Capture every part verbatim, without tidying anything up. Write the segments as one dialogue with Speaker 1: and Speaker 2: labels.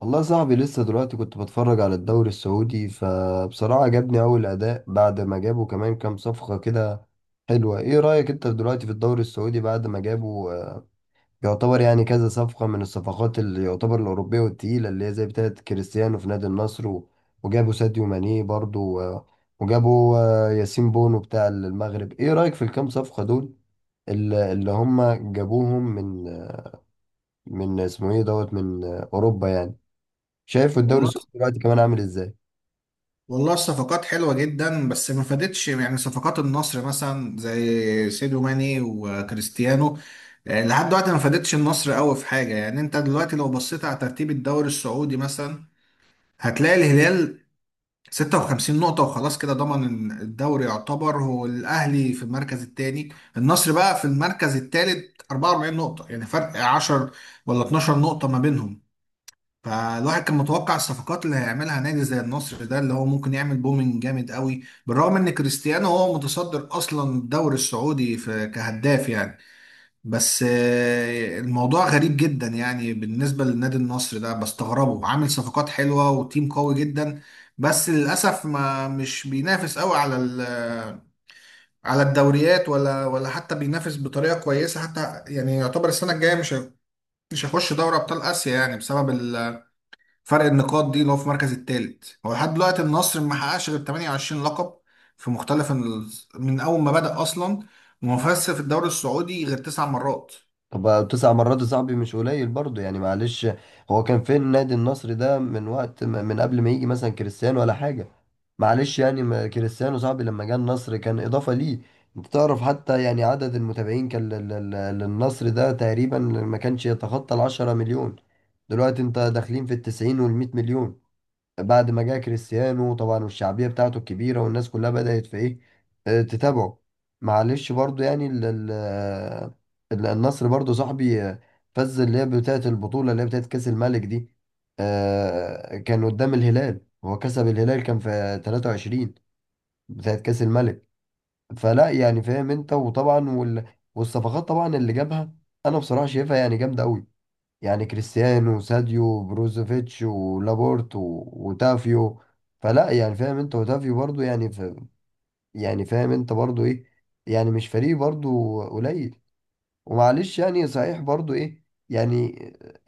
Speaker 1: والله يا صاحبي لسه دلوقتي كنت بتفرج على الدوري السعودي فبصراحة عجبني أول أداء بعد ما جابوا كمان كام صفقة كده حلوة. إيه رأيك أنت دلوقتي في الدوري السعودي بعد ما جابوا، آه، يعتبر يعني كذا صفقة من الصفقات اللي يعتبر الأوروبية والتقيلة اللي هي زي بتاعة كريستيانو في نادي النصر و- وجابوا ساديو ماني برضو، آه، وجابوا آه، ياسين بونو بتاع المغرب؟ إيه رأيك في الكام صفقة دول اللي اللي هم جابوهم من من اسمه إيه دوت من آه، أوروبا يعني؟ شايف الدوري
Speaker 2: والله
Speaker 1: السعودي دلوقتي كمان عامل ازاي؟
Speaker 2: والله الصفقات حلوة جدا، بس ما فادتش، يعني صفقات النصر مثلا زي سيدو ماني وكريستيانو آه، لحد دلوقتي ما فادتش النصر قوي في حاجة. يعني انت دلوقتي لو بصيت على ترتيب الدوري السعودي مثلا، هتلاقي الهلال ستة وخمسين نقطة وخلاص، كده ضمن الدوري يعتبر. هو الأهلي في المركز الثاني، النصر بقى في المركز الثالث أربعة وأربعين نقطة، يعني فرق عشر ولا اتناشر نقطة ما بينهم. فالواحد كان متوقع الصفقات اللي هيعملها نادي زي النصر ده اللي هو ممكن يعمل بومينج جامد قوي، بالرغم ان كريستيانو هو متصدر اصلا الدوري السعودي في كهداف يعني. بس آه، الموضوع غريب جدا يعني بالنسبة للنادي. النصر ده بستغربه، عامل صفقات حلوة وتيم قوي جدا، بس للأسف ما مش بينافس قوي على ال- آه، على الدوريات، ولا ولا حتى بينافس بطريقة كويسة حتى، يعني يعتبر السنة الجاية مش هي- مش هيخش دوري أبطال آسيا يعني بسبب فرق النقاط دي، اللي هو في المركز الثالث. هو لحد دلوقتي النصر ما حققش غير ثمانية وعشرين لقب في مختلف ال... من اول ما بدأ اصلا، وما فازش في الدوري السعودي غير تسع مرات
Speaker 1: طب بقى تسع مرات يا صاحبي مش قليل برضه يعني، معلش. هو كان فين النادي النصر ده من وقت ما- من قبل ما يجي مثلا كريستيانو ولا حاجة؟ معلش يعني، ما كريستيانو صاحبي لما جه النصر كان إضافة ليه. انت تعرف حتى يعني عدد المتابعين كان لل- لل- للنصر ده تقريبا ما كانش يتخطى العشرة مليون. دلوقتي انت داخلين في التسعين والمئة مليون بعد ما جه كريستيانو طبعا، والشعبية بتاعته الكبيرة والناس كلها بدأت في ايه، آه، تتابعه. معلش برضو يعني ال- ال- آه، ال- النصر برضو صاحبي، آه، فز اللي هي بتاعة البطولة اللي هي بتاعة كأس الملك دي. آه، كان قدام الهلال، هو كسب الهلال كان في تلاتة وعشرين بتاعة كأس الملك. فلا يعني فاهم انت، وطبعا وال... والصفقات طبعا اللي جابها انا بصراحة شايفها يعني جامدة قوي. يعني كريستيانو وساديو وبروزوفيتش ولابورت و- وتافيو، فلا يعني فاهم انت وتافيو برضو يعني ف... يعني فاهم انت برضو ايه، يعني مش فريق برضو قليل. ومعلش يعني صحيح برضو ايه، يعني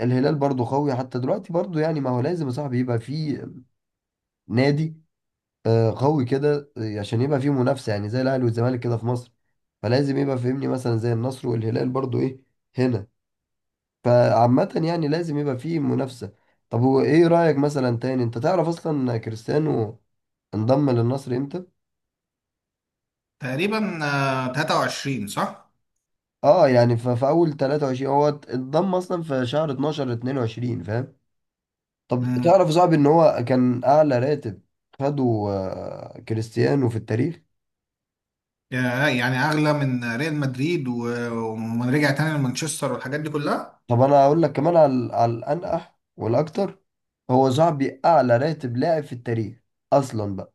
Speaker 1: الهلال برضو قوي حتى دلوقتي برضو يعني، ما هو لازم يا صاحبي يبقى فيه نادي آه، قوي كده آه، عشان يبقى فيه منافسة يعني زي الاهلي والزمالك كده في مصر. فلازم يبقى فهمني مثلا زي النصر والهلال برضو ايه هنا، فعامة يعني لازم يبقى فيه منافسة. طب هو ايه رأيك مثلا تاني، انت تعرف اصلا كريستيانو انضم للنصر امتى؟
Speaker 2: تقريبا. آه، تلاتة وعشرين صح؟
Speaker 1: اه يعني ف- في اول تلاتة وعشرين هو ات- انضم اصلا في شهر اتنين اتنين وعشرين، فاهم؟ طب
Speaker 2: امم.
Speaker 1: تعرف صعب ان هو كان اعلى راتب خده آه، كريستيانو في التاريخ.
Speaker 2: يعني اغلى من ريال مدريد و- ومن رجع تاني لمانشستر والحاجات دي كلها.
Speaker 1: طب انا هقول لك كمان على على الانقح والاكتر، هو صاحبي اعلى راتب لاعب في التاريخ اصلا بقى.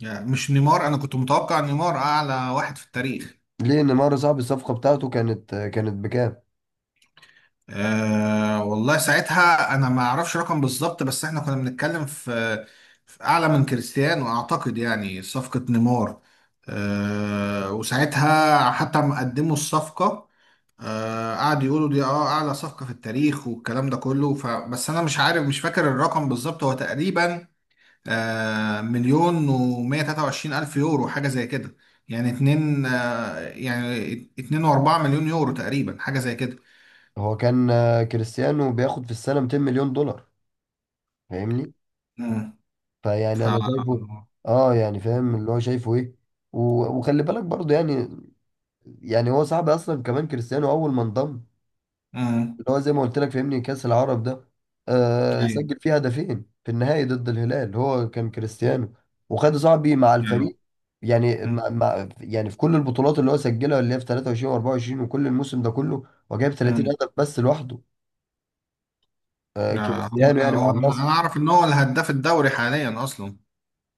Speaker 2: يعني مش نيمار؟ انا كنت متوقع نيمار اعلى واحد في التاريخ.
Speaker 1: ليه نيمار صاحبي الصفقة بتاعته كانت كانت بكام؟
Speaker 2: أه والله ساعتها انا ما اعرفش رقم بالظبط، بس احنا كنا بنتكلم في، في اعلى من كريستيانو اعتقد، يعني صفقة نيمار. أه وساعتها حتى ما قدموا الصفقة. أه قعدوا يقولوا دي اه اعلى صفقة في التاريخ والكلام ده كله. ف بس انا مش عارف، مش فاكر الرقم بالظبط. هو تقريبا أه مليون ومية تلاتة وعشرين الف يورو، حاجة زي كده. يعني اتنين آه، يعني اتنين واربعة مليون يورو تقريبا، حاجة زي كده.
Speaker 1: هو كان آه، كريستيانو بياخد في السنة مئتين مليون دولار، فاهمني.
Speaker 2: مم.
Speaker 1: فيعني انا شايفه،
Speaker 2: ف-
Speaker 1: اه يعني فاهم اللي هو شايفه ايه. و- وخلي بالك برضه يعني، يعني هو صاحبي اصلا كمان كريستيانو اول ما انضم
Speaker 2: امم.
Speaker 1: اللي هو زي ما قلت لك فاهمني كأس العرب ده، آه
Speaker 2: ايوه.
Speaker 1: سجل فيه هدفين في النهائي ضد الهلال هو كان كريستيانو. وخد صاحبي مع
Speaker 2: أيوة.
Speaker 1: الفريق، يعني
Speaker 2: أمم.
Speaker 1: مع مع يعني في كل البطولات اللي هو سجلها اللي هي في تلاتة وعشرين و24 وكل الموسم ده كله، هو جايب تلاتين
Speaker 2: أمم.
Speaker 1: هدف بس لوحده آه
Speaker 2: آه، هو
Speaker 1: كريستيانو يعني مع
Speaker 2: هو-
Speaker 1: النصر.
Speaker 2: انا اعرف ان هو الهداف الدوري حاليا اصلا.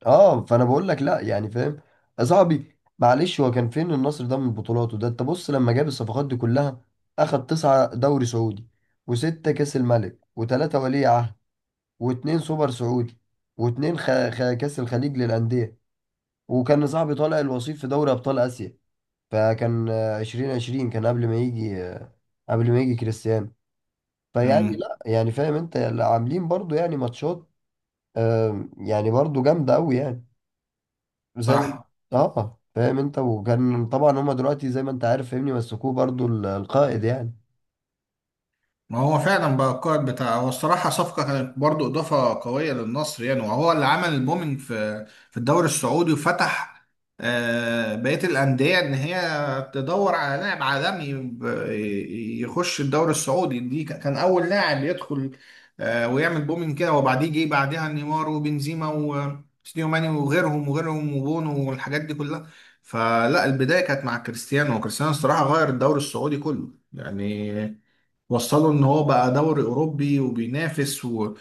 Speaker 1: اه فانا بقول لك لا يعني فاهم يا صاحبي، معلش هو كان فين النصر ده من بطولاته ده؟ انت بص لما جاب الصفقات دي كلها اخد تسعة دوري سعودي وستة كاس الملك وتلاتة ولي عهد واتنين سوبر سعودي واتنين خ... خ... كاس الخليج للأندية، وكان صاحبي طالع الوصيف في دوري أبطال آسيا، فكان عشرين عشرين كان قبل ما يجي آه، قبل ما يجي كريستيانو. فيعني
Speaker 2: امم.
Speaker 1: لا يعني فاهم انت عاملين برضو يعني ماتشات آه، يعني برضو جامدة أوي يعني زي ما
Speaker 2: صح.
Speaker 1: اه فاهم انت. وكان طبعا هما دلوقتي زي ما انت عارف فاهمني مسكوه برضو ال- القائد يعني.
Speaker 2: ما هو فعلا بقى القائد بتاع. هو الصراحة صفقة كانت برضو إضافة قوية للنصر يعني، وهو اللي عمل البومينج في في الدوري السعودي وفتح آه، بقية الأندية إن هي تدور على لاعب عالمي ب- يخش الدوري السعودي دي. ك- كان أول لاعب يدخل آه، ويعمل بومينج كده، وبعديه جه بعدها نيمار وبنزيما وسيديو ماني وغيرهم وغيرهم وبونو والحاجات دي كلها. فلا، البداية كانت مع كريستيانو، وكريستيانو الصراحة غير الدوري السعودي كله يعني. وصلوا ان هو بقى دوري اوروبي وبينافس و...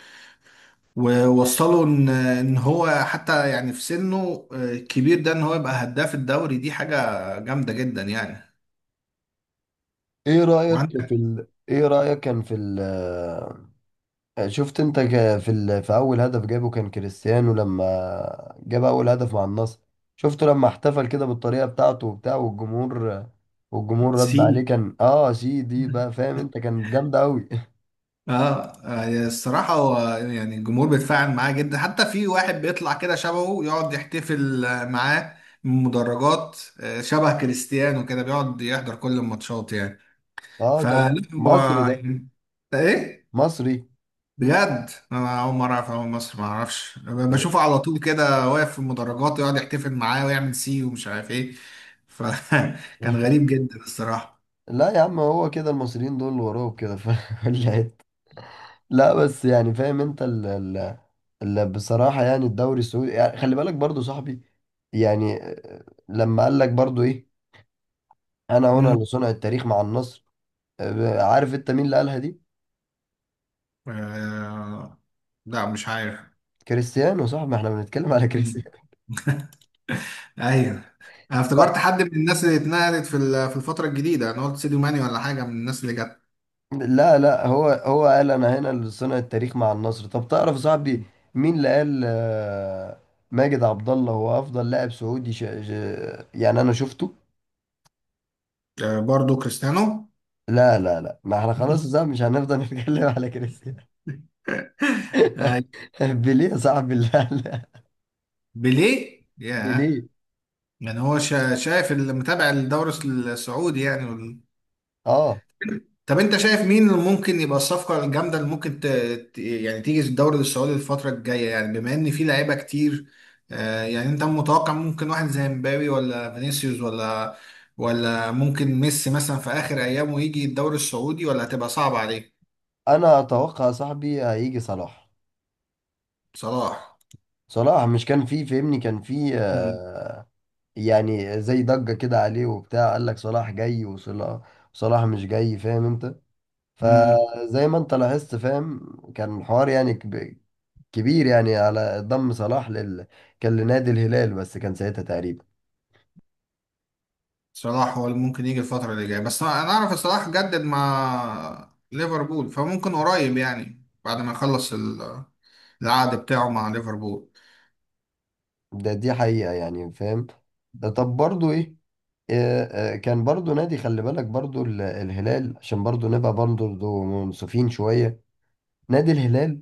Speaker 2: ووصلوا ان ان هو حتى، يعني في سنه آه، الكبير ده، ان هو يبقى هداف الدوري، دي حاجة جامدة جدا يعني.
Speaker 1: ايه رأيك في
Speaker 2: وعندك
Speaker 1: ال... ايه رأيك كان في ال... آه، شفت انت ك- في ال... في اول هدف جابه كان كريستيانو لما جاب اول هدف مع النصر؟ شفته لما احتفل كده بالطريقة بتاعته وبتاع والجمهور، والجمهور رد
Speaker 2: سي.
Speaker 1: عليه كان اه سي دي بقى فاهم انت، كانت جامدة قوي.
Speaker 2: اه آه، يعني الصراحة هو يعني الجمهور بيتفاعل معاه جدا، حتى في واحد بيطلع كده شبهه يقعد يحتفل آه، معاه من المدرجات، آه، شبه كريستيانو كده، بيقعد يحضر كل الماتشات يعني.
Speaker 1: اه ده
Speaker 2: فلا. هو
Speaker 1: مصري ده
Speaker 2: يعني- ايه،
Speaker 1: مصري
Speaker 2: بجد انا اول مره اعرف اول مصر ما اعرفش ب- بشوفه على طول كده واقف في المدرجات ويقعد يحتفل معاه ويعمل سي ومش عارف ايه. فكان غريب جدا الصراحه.
Speaker 1: لا يا عم، هو كده المصريين دول وراهم كده في كل حتة. لا بس يعني فاهم انت ال ال ال بصراحة يعني الدوري السعودي يعني خلي بالك برضو صاحبي، يعني آه، لما قال لك برضو ايه انا هنا
Speaker 2: امم.
Speaker 1: لصنع التاريخ مع النصر. آه، عارف انت مين اللي قالها دي؟
Speaker 2: آه... لا مش عارف.
Speaker 1: كريستيانو صاحبي، ما احنا بنتكلم على
Speaker 2: مم.
Speaker 1: كريستيانو.
Speaker 2: ايوه. انا افتكرت
Speaker 1: ف-
Speaker 2: حد من الناس اللي اتنقلت في ال- في الفتره الجديده، انا قلت سيديو ماني ولا حاجه من الناس اللي جت.
Speaker 1: لا لا، هو هو قال انا هنا لصنع التاريخ مع النصر. طب تعرف صاحبي
Speaker 2: مم.
Speaker 1: مين اللي قال آه، ماجد عبد الله هو افضل لاعب سعودي ش... ش... يعني انا شفته.
Speaker 2: آه برضو كريستيانو.
Speaker 1: لا لا لا، ما احنا خلاص صاحبي مش هنفضل نتكلم على كريستيانو.
Speaker 2: آه.
Speaker 1: بيليه يا صاحبي لا لا،
Speaker 2: بيليه، ياه.
Speaker 1: بيليه.
Speaker 2: يعني هو شا- شايف اللي متابع الدوري السعودي يعني.
Speaker 1: اه
Speaker 2: طب انت شايف مين اللي ممكن يبقى الصفقة الجامدة اللي ممكن ت... ت- يعني تيجي الدوري السعودي الفترة الجاية، يعني بما ان في لعيبة كتير. آه، يعني انت متوقع ممكن واحد زي مبابي ولا فينيسيوس ولا ولا ممكن ميسي مثلا في اخر ايامه يجي الدوري السعودي، ولا هتبقى صعبة عليه؟
Speaker 1: انا اتوقع صاحبي هيجي صلاح.
Speaker 2: صلاح.
Speaker 1: صلاح مش كان فيه فهمني كان فيه
Speaker 2: مم.
Speaker 1: آه، يعني زي ضجة كده عليه وبتاع، قال لك صلاح جاي وصلاح، صلاح مش جاي فاهم انت.
Speaker 2: مم.
Speaker 1: فزي ما انت لاحظت فاهم كان الحوار يعني كب- كبير يعني على ضم صلاح لل كان لنادي الهلال، بس كان ساعتها تقريبا.
Speaker 2: صلاح هو اللي ممكن يجي الفترة اللي جاية، بس انا اعرف صلاح جدد مع ليفربول، فممكن قريب يعني بعد ما يخلص ال- العقد بتاعه مع ليفربول.
Speaker 1: ده دي حقيقة يعني فاهم. طب برضو ايه، آه، آه، كان برضو نادي خلي بالك برضو ال- الهلال عشان برضو نبقى برضو منصفين شوية، نادي الهلال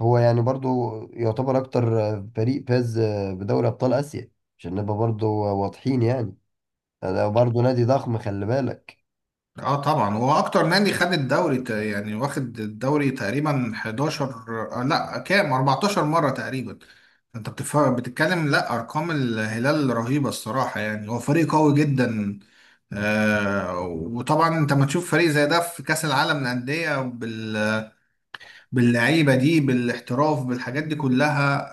Speaker 1: هو يعني برضو يعتبر أكتر آه، فريق فاز آه، بدوري أبطال آسيا، عشان نبقى برضو واضحين يعني، ده برضو نادي ضخم خلي بالك.
Speaker 2: اه طبعا هو اكتر نادي خد الدوري، ت- يعني واخد الدوري تقريبا حداشر، آه لا كام، أربعة عشر مرة تقريبا. انت بتف- بتتكلم، لا، ارقام الهلال رهيبة الصراحة، يعني هو فريق قوي جدا. آه وطبعا انت ما تشوف فريق زي ده في كأس العالم للأندية بال- باللعيبة دي، بالاحتراف، بالحاجات دي كلها.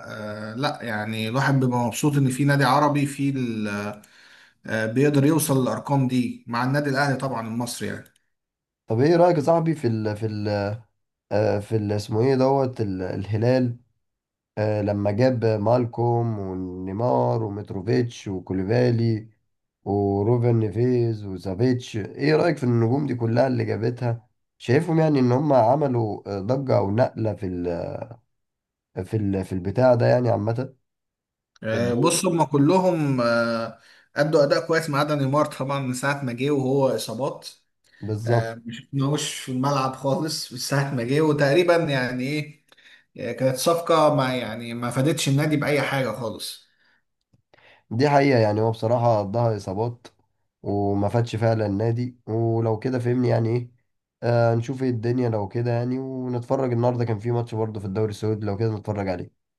Speaker 2: آه لا يعني الواحد بيبقى مبسوط ان في نادي عربي في ال- آه بيقدر يوصل للارقام دي، مع النادي الاهلي طبعا المصري يعني.
Speaker 1: طب ايه رأيك يا صاحبي في ال في ال آه، في ال اسمه ايه دوت ال- الهلال آه، لما جاب مالكوم ونيمار وميتروفيتش وكوليفالي وروبن نيفيز وسافيتش؟ ايه رأيك في النجوم دي كلها اللي جابتها؟ شايفهم يعني ان هم عملوا آه، ضجة او نقلة في ال في ال في البتاع ده يعني عامة في
Speaker 2: آه،
Speaker 1: الدوري؟
Speaker 2: بص هم كلهم آه، أدوا أداء كويس ما عدا نيمار طبعا، من ساعة ما جه وهو إصابات.
Speaker 1: بالظبط،
Speaker 2: آه، ما شفناهوش في الملعب خالص من ساعة ما جه، وتقريبا يعني إيه، آه، كانت صفقة ما، يعني ما فادتش النادي بأي حاجة خالص.
Speaker 1: دي حقيقة يعني، هو بصراحة قضاها اصابات وما فادش فعلا النادي، ولو كده فهمني يعني ايه آه نشوف ايه الدنيا لو كده يعني، ونتفرج النهارده كان في ماتش برضه في الدوري السعودي لو كده نتفرج عليه.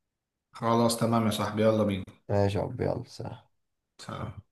Speaker 2: خلاص تمام يا صاحبي، يلا
Speaker 1: ماشي يا عبد، يلا سلام.
Speaker 2: بينا.